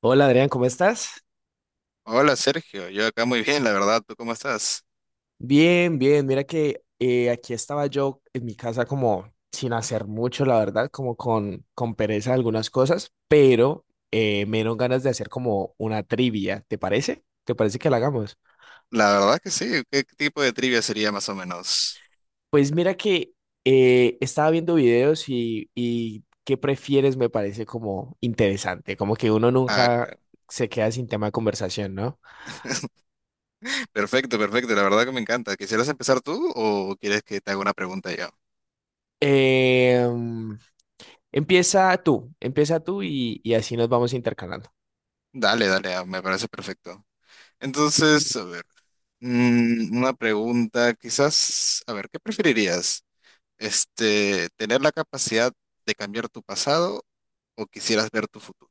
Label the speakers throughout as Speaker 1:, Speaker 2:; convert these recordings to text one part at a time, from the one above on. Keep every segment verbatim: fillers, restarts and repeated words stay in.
Speaker 1: Hola Adrián, ¿cómo estás?
Speaker 2: Hola Sergio, yo acá muy bien, la verdad, ¿tú cómo estás?
Speaker 1: Bien, bien. Mira que eh, aquí estaba yo en mi casa como sin hacer mucho, la verdad, como con, con pereza de algunas cosas, pero eh, me dieron ganas de hacer como una trivia, ¿te parece? ¿Te parece que la hagamos?
Speaker 2: La verdad que sí, ¿qué tipo de trivia sería más o menos?
Speaker 1: Pues mira que eh, estaba viendo videos y, y qué prefieres me parece como interesante, como que uno
Speaker 2: Ah,
Speaker 1: nunca
Speaker 2: claro.
Speaker 1: se queda sin tema de conversación, ¿no?
Speaker 2: Perfecto, perfecto, la verdad que me encanta. ¿Quisieras empezar tú o quieres que te haga una pregunta yo?
Speaker 1: Em, empieza tú, empieza tú y, y así nos vamos intercalando.
Speaker 2: Dale, dale, ah, me parece perfecto. Entonces, a ver, mm, una pregunta quizás, a ver, ¿qué preferirías? Este, ¿tener la capacidad de cambiar tu pasado o quisieras ver tu futuro?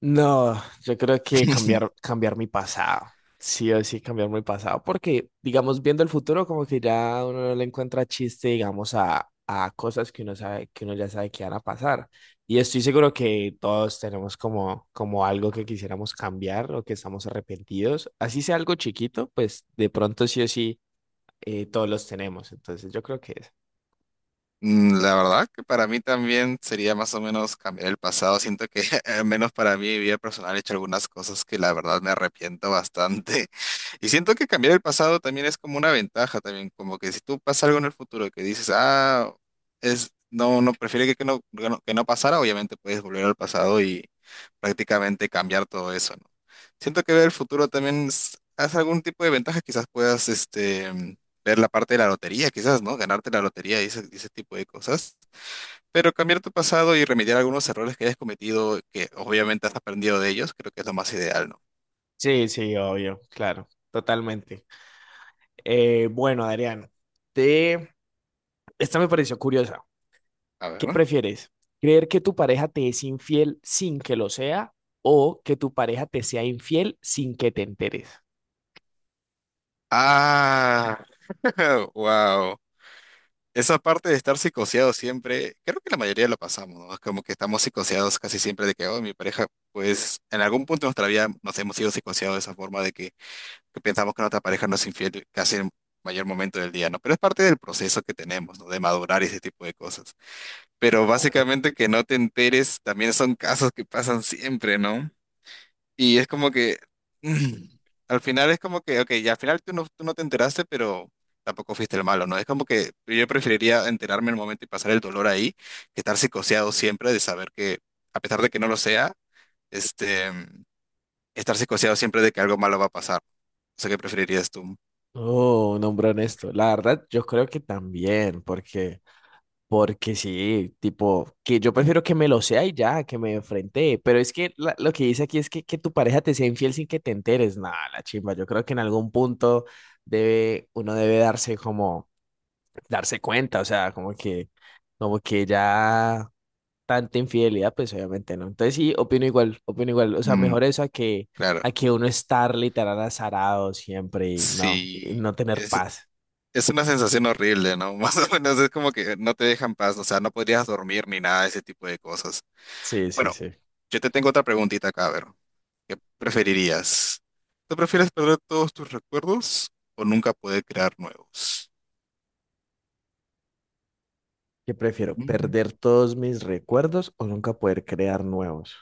Speaker 1: No, yo creo que cambiar, cambiar mi pasado. Sí o sí, cambiar mi pasado. Porque, digamos, viendo el futuro, como que ya uno no le encuentra chiste, digamos, a, a cosas que uno sabe, que uno ya sabe que van a pasar. Y estoy seguro que todos tenemos como, como algo que quisiéramos cambiar o que estamos arrepentidos. Así sea algo chiquito, pues de pronto sí o sí, eh, todos los tenemos. Entonces, yo creo que es.
Speaker 2: Mm, La verdad que para mí también sería más o menos cambiar el pasado. Siento que al menos para mí, mi vida personal, he hecho algunas cosas que la verdad me arrepiento bastante. Y siento que cambiar el pasado también es como una ventaja también, como que si tú pasa algo en el futuro que dices, ah, es, no, no, prefiero que, que no, que no, que no pasara. Obviamente puedes volver al pasado y prácticamente cambiar todo eso, ¿no? Siento que ver el futuro también es, es algún tipo de ventaja, quizás puedas, este ver la parte de la lotería, quizás, ¿no? Ganarte la lotería y ese, y ese tipo de cosas. Pero cambiar tu pasado y remediar algunos errores que hayas cometido, que obviamente has aprendido de ellos, creo que es lo más ideal, ¿no?
Speaker 1: Sí, sí, obvio, claro, totalmente. Eh, bueno, Adrián, te... esta me pareció curiosa.
Speaker 2: A ver,
Speaker 1: ¿Qué
Speaker 2: ¿no?
Speaker 1: prefieres? ¿Creer que tu pareja te es infiel sin que lo sea o que tu pareja te sea infiel sin que te enteres?
Speaker 2: Ah, wow. Esa parte de estar psicoseado siempre, creo que la mayoría lo pasamos, ¿no? Es como que estamos psicoseados casi siempre de que, oh, mi pareja, pues en algún punto de nuestra vida nos hemos sido psicoseados de esa forma de que, que pensamos que nuestra pareja nos es infiel casi en el mayor momento del día, ¿no? Pero es parte del proceso que tenemos, ¿no? De madurar y ese tipo de cosas. Pero básicamente que no te enteres también son casos que pasan siempre, ¿no? Y es como que mm, al final es como que, ok, ya al final tú no, tú no te enteraste, pero tampoco fuiste el malo, ¿no? Es como que yo preferiría enterarme en el momento y pasar el dolor ahí que estar psicoseado siempre de saber que, a pesar de que no lo sea, este, estar psicoseado siempre de que algo malo va a pasar. O sea, ¿qué preferirías tú?
Speaker 1: Oh, un hombre honesto. La verdad, yo creo que también, porque, porque sí, tipo, que yo prefiero que me lo sea y ya, que me enfrente. Pero es que la- lo que dice aquí es que, que tu pareja te sea infiel sin que te enteres. Nada, la chimba. Yo creo que en algún punto debe, uno debe darse como, darse cuenta, o sea, como que, como que ya tanta infidelidad, pues obviamente no. Entonces sí, opino igual, opino igual. O sea,
Speaker 2: Mm,
Speaker 1: mejor eso a que, a
Speaker 2: claro.
Speaker 1: que uno estar literal azarado siempre y no, y
Speaker 2: Sí.
Speaker 1: no tener paz.
Speaker 2: Es una sensación horrible, ¿no? Más o menos es como que no te dejan paz, o sea, no podrías dormir ni nada de ese tipo de cosas.
Speaker 1: Sí, sí,
Speaker 2: Bueno,
Speaker 1: sí.
Speaker 2: yo te tengo otra preguntita acá, a ver, ¿qué preferirías? ¿Tú prefieres perder todos tus recuerdos o nunca poder crear nuevos?
Speaker 1: ¿Qué prefiero?
Speaker 2: Ujú.
Speaker 1: ¿Perder todos mis recuerdos o nunca poder crear nuevos?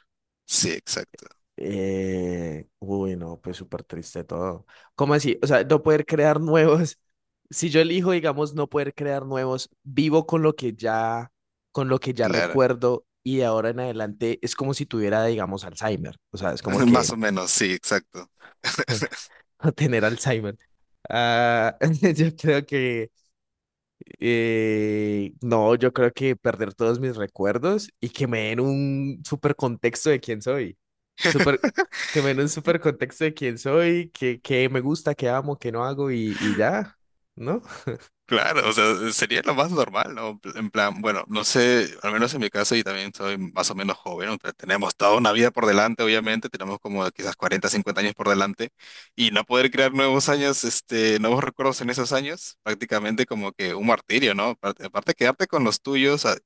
Speaker 2: Sí, exacto,
Speaker 1: Eh, uy, no, pues súper triste todo. ¿Cómo así? O sea, no poder crear nuevos. Si yo elijo, digamos, no poder crear nuevos, vivo con lo que ya, con lo que ya
Speaker 2: claro.
Speaker 1: recuerdo y de ahora en adelante es como si tuviera, digamos, Alzheimer. O sea, es como
Speaker 2: Más
Speaker 1: que
Speaker 2: o menos, sí, exacto.
Speaker 1: tener Alzheimer. Ah, yo creo que eh, no, yo creo que perder todos mis recuerdos y que me den un súper contexto de quién soy. Súper, que me den un súper contexto de quién soy, que, que me gusta, que amo, que no hago y, y ya, ¿no?
Speaker 2: Claro, o sea, sería lo más normal, ¿no? En plan, bueno, no sé, al menos en mi caso, y también soy más o menos joven, o sea, tenemos toda una vida por delante, obviamente, tenemos como quizás cuarenta, cincuenta años por delante, y no poder crear nuevos años, este, nuevos recuerdos en esos años, prácticamente como que un martirio, ¿no? Aparte, aparte quedarte con los tuyos, a-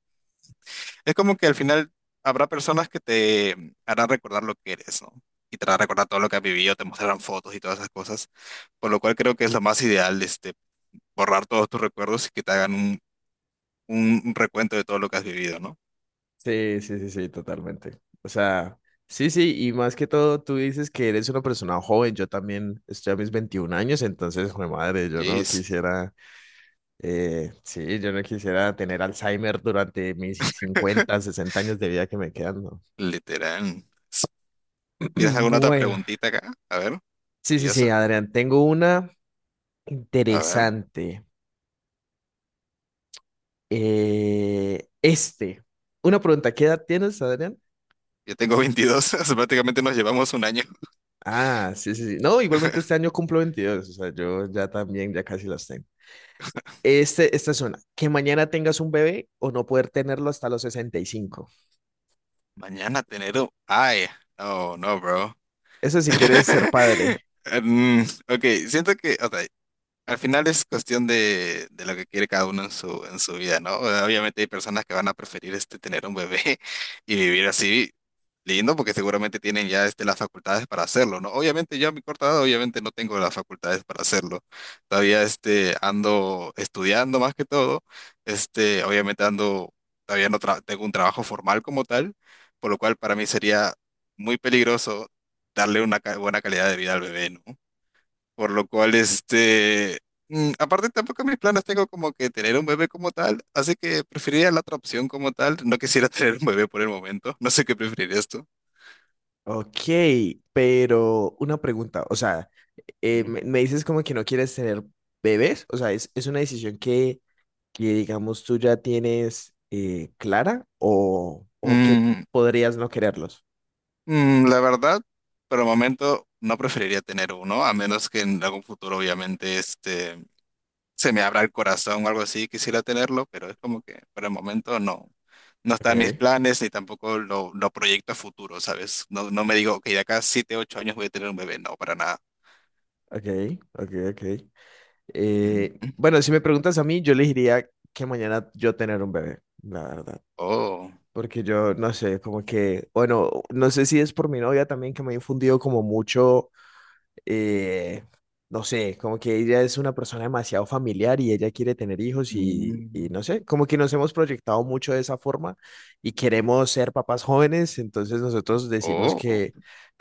Speaker 2: es como que al final habrá personas que te harán recordar lo que eres, ¿no? Y te harán recordar todo lo que has vivido, te mostrarán fotos y todas esas cosas, por lo cual creo que es lo más ideal, este, borrar todos tus recuerdos y que te hagan un, un recuento de todo lo que has vivido, ¿no?
Speaker 1: Sí, sí, sí, sí, totalmente. O sea, sí, sí, y más que todo, tú dices que eres una persona joven, yo también estoy a mis veintiún años, entonces, jue madre, yo no
Speaker 2: Yes,
Speaker 1: quisiera, eh, sí, yo no quisiera tener Alzheimer durante mis cincuenta sesenta años de vida que me quedan, ¿no?
Speaker 2: literal. ¿Tienes alguna otra
Speaker 1: Bueno,
Speaker 2: preguntita acá? A ver,
Speaker 1: sí, sí, sí,
Speaker 2: curiosa.
Speaker 1: Adrián, tengo una
Speaker 2: A ver,
Speaker 1: interesante. Eh, este, una pregunta, ¿qué edad tienes, Adrián?
Speaker 2: yo tengo veintidós, o sea, prácticamente nos llevamos un año.
Speaker 1: Ah, sí, sí, sí. No, igualmente este año cumplo veintidós, o sea, yo ya también, ya casi las tengo. Este, esta es una, ¿que mañana tengas un bebé o no poder tenerlo hasta los sesenta y cinco?
Speaker 2: Mañana tener un... Ay, no, no, bro.
Speaker 1: Eso si quieres ser padre.
Speaker 2: Mm, ok, siento que, o sea, al final es cuestión de, de lo que quiere cada uno en su, en su vida, ¿no? Obviamente hay personas que van a preferir este, tener un bebé y vivir así lindo porque seguramente tienen ya este, las facultades para hacerlo, ¿no? Obviamente yo a mi corta edad obviamente no tengo las facultades para hacerlo. Todavía este, ando estudiando más que todo. Este, obviamente ando, todavía no tra- tengo un trabajo formal como tal, por lo cual para mí sería muy peligroso darle una ca- buena calidad de vida al bebé, ¿no? Por lo cual, este, mm, aparte tampoco mis planes tengo como que tener un bebé como tal, así que preferiría la otra opción como tal. No quisiera tener un bebé por el momento, no sé qué preferirías tú.
Speaker 1: Ok, pero una pregunta, o sea, eh,
Speaker 2: Ujú.
Speaker 1: me, me dices como que no quieres tener bebés, o sea, es, es una decisión que que digamos tú ya tienes eh, clara o, o que
Speaker 2: Mm,
Speaker 1: podrías no quererlos.
Speaker 2: mm, la verdad, por el momento no preferiría tener uno, a menos que en algún futuro obviamente este, se me abra el corazón o algo así, quisiera tenerlo, pero es como que por el momento no, no está en mis
Speaker 1: Ok,
Speaker 2: planes ni tampoco lo, lo proyecto a futuro, ¿sabes? No, no me digo, ok, de acá a siete, ocho años voy a tener un bebé, no, para nada.
Speaker 1: ok, ok, ok.
Speaker 2: Mm,
Speaker 1: Eh, bueno, si me preguntas a mí, yo le diría que mañana yo tener un bebé, la verdad.
Speaker 2: Oh,
Speaker 1: Porque yo no sé, como que, bueno, no sé si es por mi novia también que me ha infundido como mucho eh, no sé, como que ella es una persona demasiado familiar y ella quiere tener hijos y, y
Speaker 2: mm,
Speaker 1: no sé, como que nos hemos proyectado mucho de esa forma y queremos ser papás jóvenes, entonces nosotros decimos
Speaker 2: oh,
Speaker 1: que,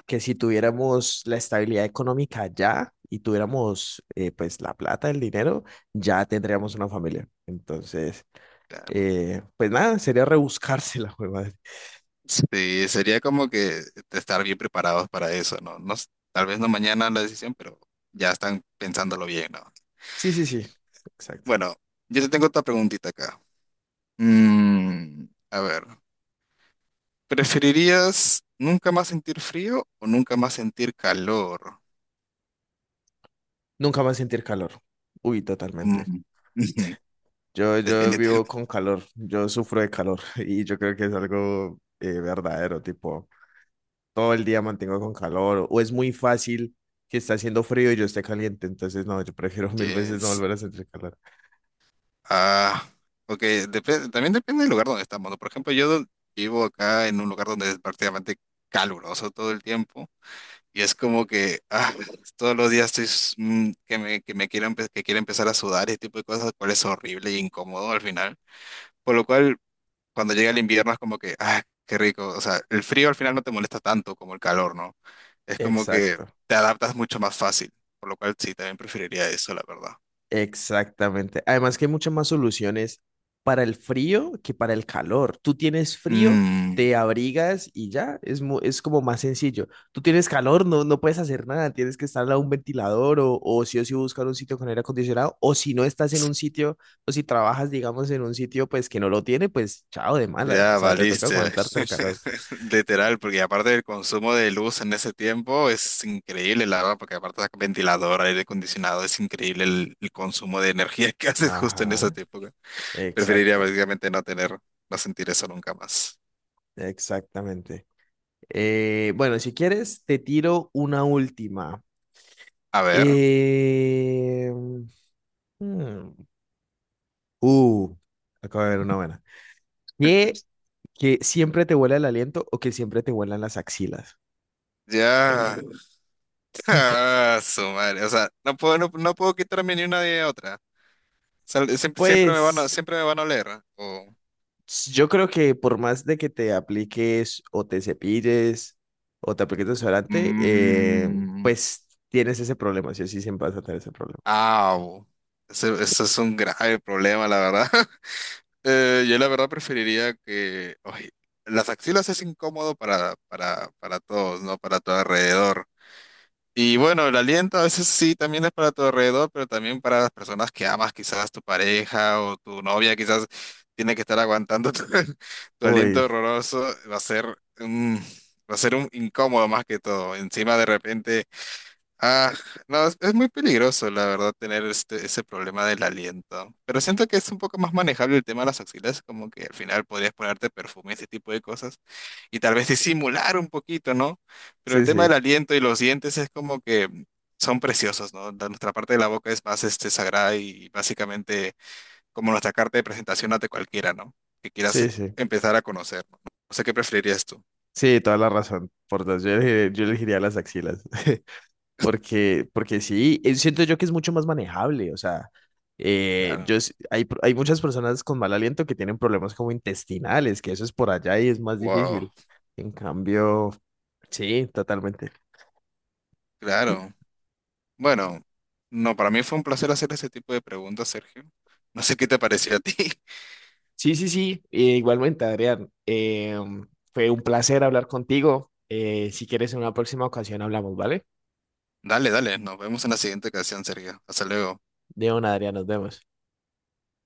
Speaker 1: que si tuviéramos la estabilidad económica ya y tuviéramos eh, pues la plata, el dinero, ya tendríamos una familia. Entonces,
Speaker 2: damn.
Speaker 1: eh, pues nada, sería rebuscarse la madre.
Speaker 2: Sí, sería como que estar bien preparados para eso, ¿no? No, s- tal vez no mañana la decisión, pero ya están pensándolo bien, ¿no?
Speaker 1: Sí, sí, sí, exacto.
Speaker 2: Bueno, yo te tengo otra preguntita acá. Mm, a ver, ¿preferirías nunca más sentir frío o nunca más sentir calor?
Speaker 1: Nunca más sentir calor. Uy, totalmente.
Speaker 2: Mm,
Speaker 1: Yo, yo
Speaker 2: Definitivamente.
Speaker 1: vivo con calor, yo sufro de calor y yo creo que es algo eh, verdadero, tipo, todo el día mantengo con calor o es muy fácil que está haciendo frío y yo esté caliente, entonces no, yo prefiero mil veces no volver a sentir calor.
Speaker 2: Ah, ok, depende, también depende del lugar donde estamos, ¿no? Por ejemplo, yo do- vivo acá en un lugar donde es prácticamente caluroso todo el tiempo y es como que ah, todos los días estoy s- mm, que me, que me quiero, empe- que quiero empezar a sudar y ese tipo de cosas, lo cual es horrible e incómodo al final. Por lo cual, cuando llega el invierno es como que, ah, qué rico, o sea, el frío al final no te molesta tanto como el calor, ¿no? Es como que
Speaker 1: Exacto.
Speaker 2: te adaptas mucho más fácil, por lo cual sí, también preferiría eso, la verdad.
Speaker 1: Exactamente. Además que hay muchas más soluciones para el frío que para el calor. Tú tienes frío,
Speaker 2: Mm.
Speaker 1: te abrigas y ya, es, mu- es como más sencillo. Tú tienes calor, no, no puedes hacer nada, tienes que estar a un ventilador o, o sí o sí buscar un sitio con aire acondicionado o si no estás en un sitio o si trabajas, digamos, en un sitio pues que no lo tiene, pues chao de malas, o
Speaker 2: Ya
Speaker 1: sea, te toca
Speaker 2: valiste.
Speaker 1: aguantarte el calor.
Speaker 2: Literal, porque aparte del consumo de luz en ese tiempo es increíble, la verdad, porque aparte de ventilador, aire acondicionado, es increíble el, el consumo de energía que haces justo en esa
Speaker 1: Ajá,
Speaker 2: época. Preferiría
Speaker 1: exacto,
Speaker 2: básicamente no tener, no sentir eso nunca más.
Speaker 1: exactamente. Eh, bueno, si quieres, te tiro una última.
Speaker 2: A ver,
Speaker 1: Eh, hmm, uh, acabo de ver una buena. ¿Qué, que siempre te huele el aliento o que siempre te huelan las axilas?
Speaker 2: ya. Ah, su madre. O sea, no puedo, no, no puedo quitarme ni una de otra. O sea, siempre, siempre me van a,
Speaker 1: Pues
Speaker 2: siempre me van a oler. O...
Speaker 1: s- yo creo que por más de que te apliques o te cepilles o te apliques desodorante, eh,
Speaker 2: Mm.
Speaker 1: pues tienes ese problema, sí o sí siempre vas a tener ese problema.
Speaker 2: Ah, ese, ese es un grave problema, la verdad. Eh, yo la verdad preferiría que... ay, las axilas es incómodo para, para, para todos, ¿no? Para tu alrededor. Y bueno, el aliento a veces sí también es para tu alrededor, pero también para las personas que amas, quizás tu pareja o tu novia, quizás tiene que estar aguantando tu, tu aliento
Speaker 1: Uy,
Speaker 2: horroroso. Va a ser un, va a ser un incómodo más que todo. Encima de repente... Ah, no, es, es muy peligroso, la verdad, tener este, ese problema del aliento. Pero siento que es un poco más manejable el tema de las axilas, como que al final podrías ponerte perfume, ese tipo de cosas, y tal vez disimular un poquito, ¿no? Pero el
Speaker 1: sí,
Speaker 2: tema del
Speaker 1: sí,
Speaker 2: aliento y los dientes es como que son preciosos, ¿no? La- nuestra parte de la boca es más este, sagrada y básicamente como nuestra carta de presentación ante cualquiera, ¿no? Que quieras
Speaker 1: sí, sí.
Speaker 2: empezar a conocer, ¿no? O sea, ¿qué preferirías tú?
Speaker 1: Sí, toda la razón. Por dos, yo elegir- yo elegiría las axilas. Porque, porque sí, eh, siento yo que es mucho más manejable, o sea, eh,
Speaker 2: Claro.
Speaker 1: yo, s- hay, pro- hay muchas personas con mal aliento que tienen problemas como intestinales, que eso es por allá y es más
Speaker 2: Wow,
Speaker 1: difícil. En cambio, sí, totalmente.
Speaker 2: claro. Bueno, no, para mí fue un placer hacer ese tipo de preguntas, Sergio. No sé qué te pareció a ti.
Speaker 1: Sí, sí, sí, eh, igualmente, Adrián. eh, fue un placer hablar contigo. Eh, si quieres, en una próxima ocasión hablamos, ¿vale?
Speaker 2: Dale, dale, nos vemos en la siguiente ocasión, Sergio. Hasta luego.
Speaker 1: De una, Adrián, nos vemos.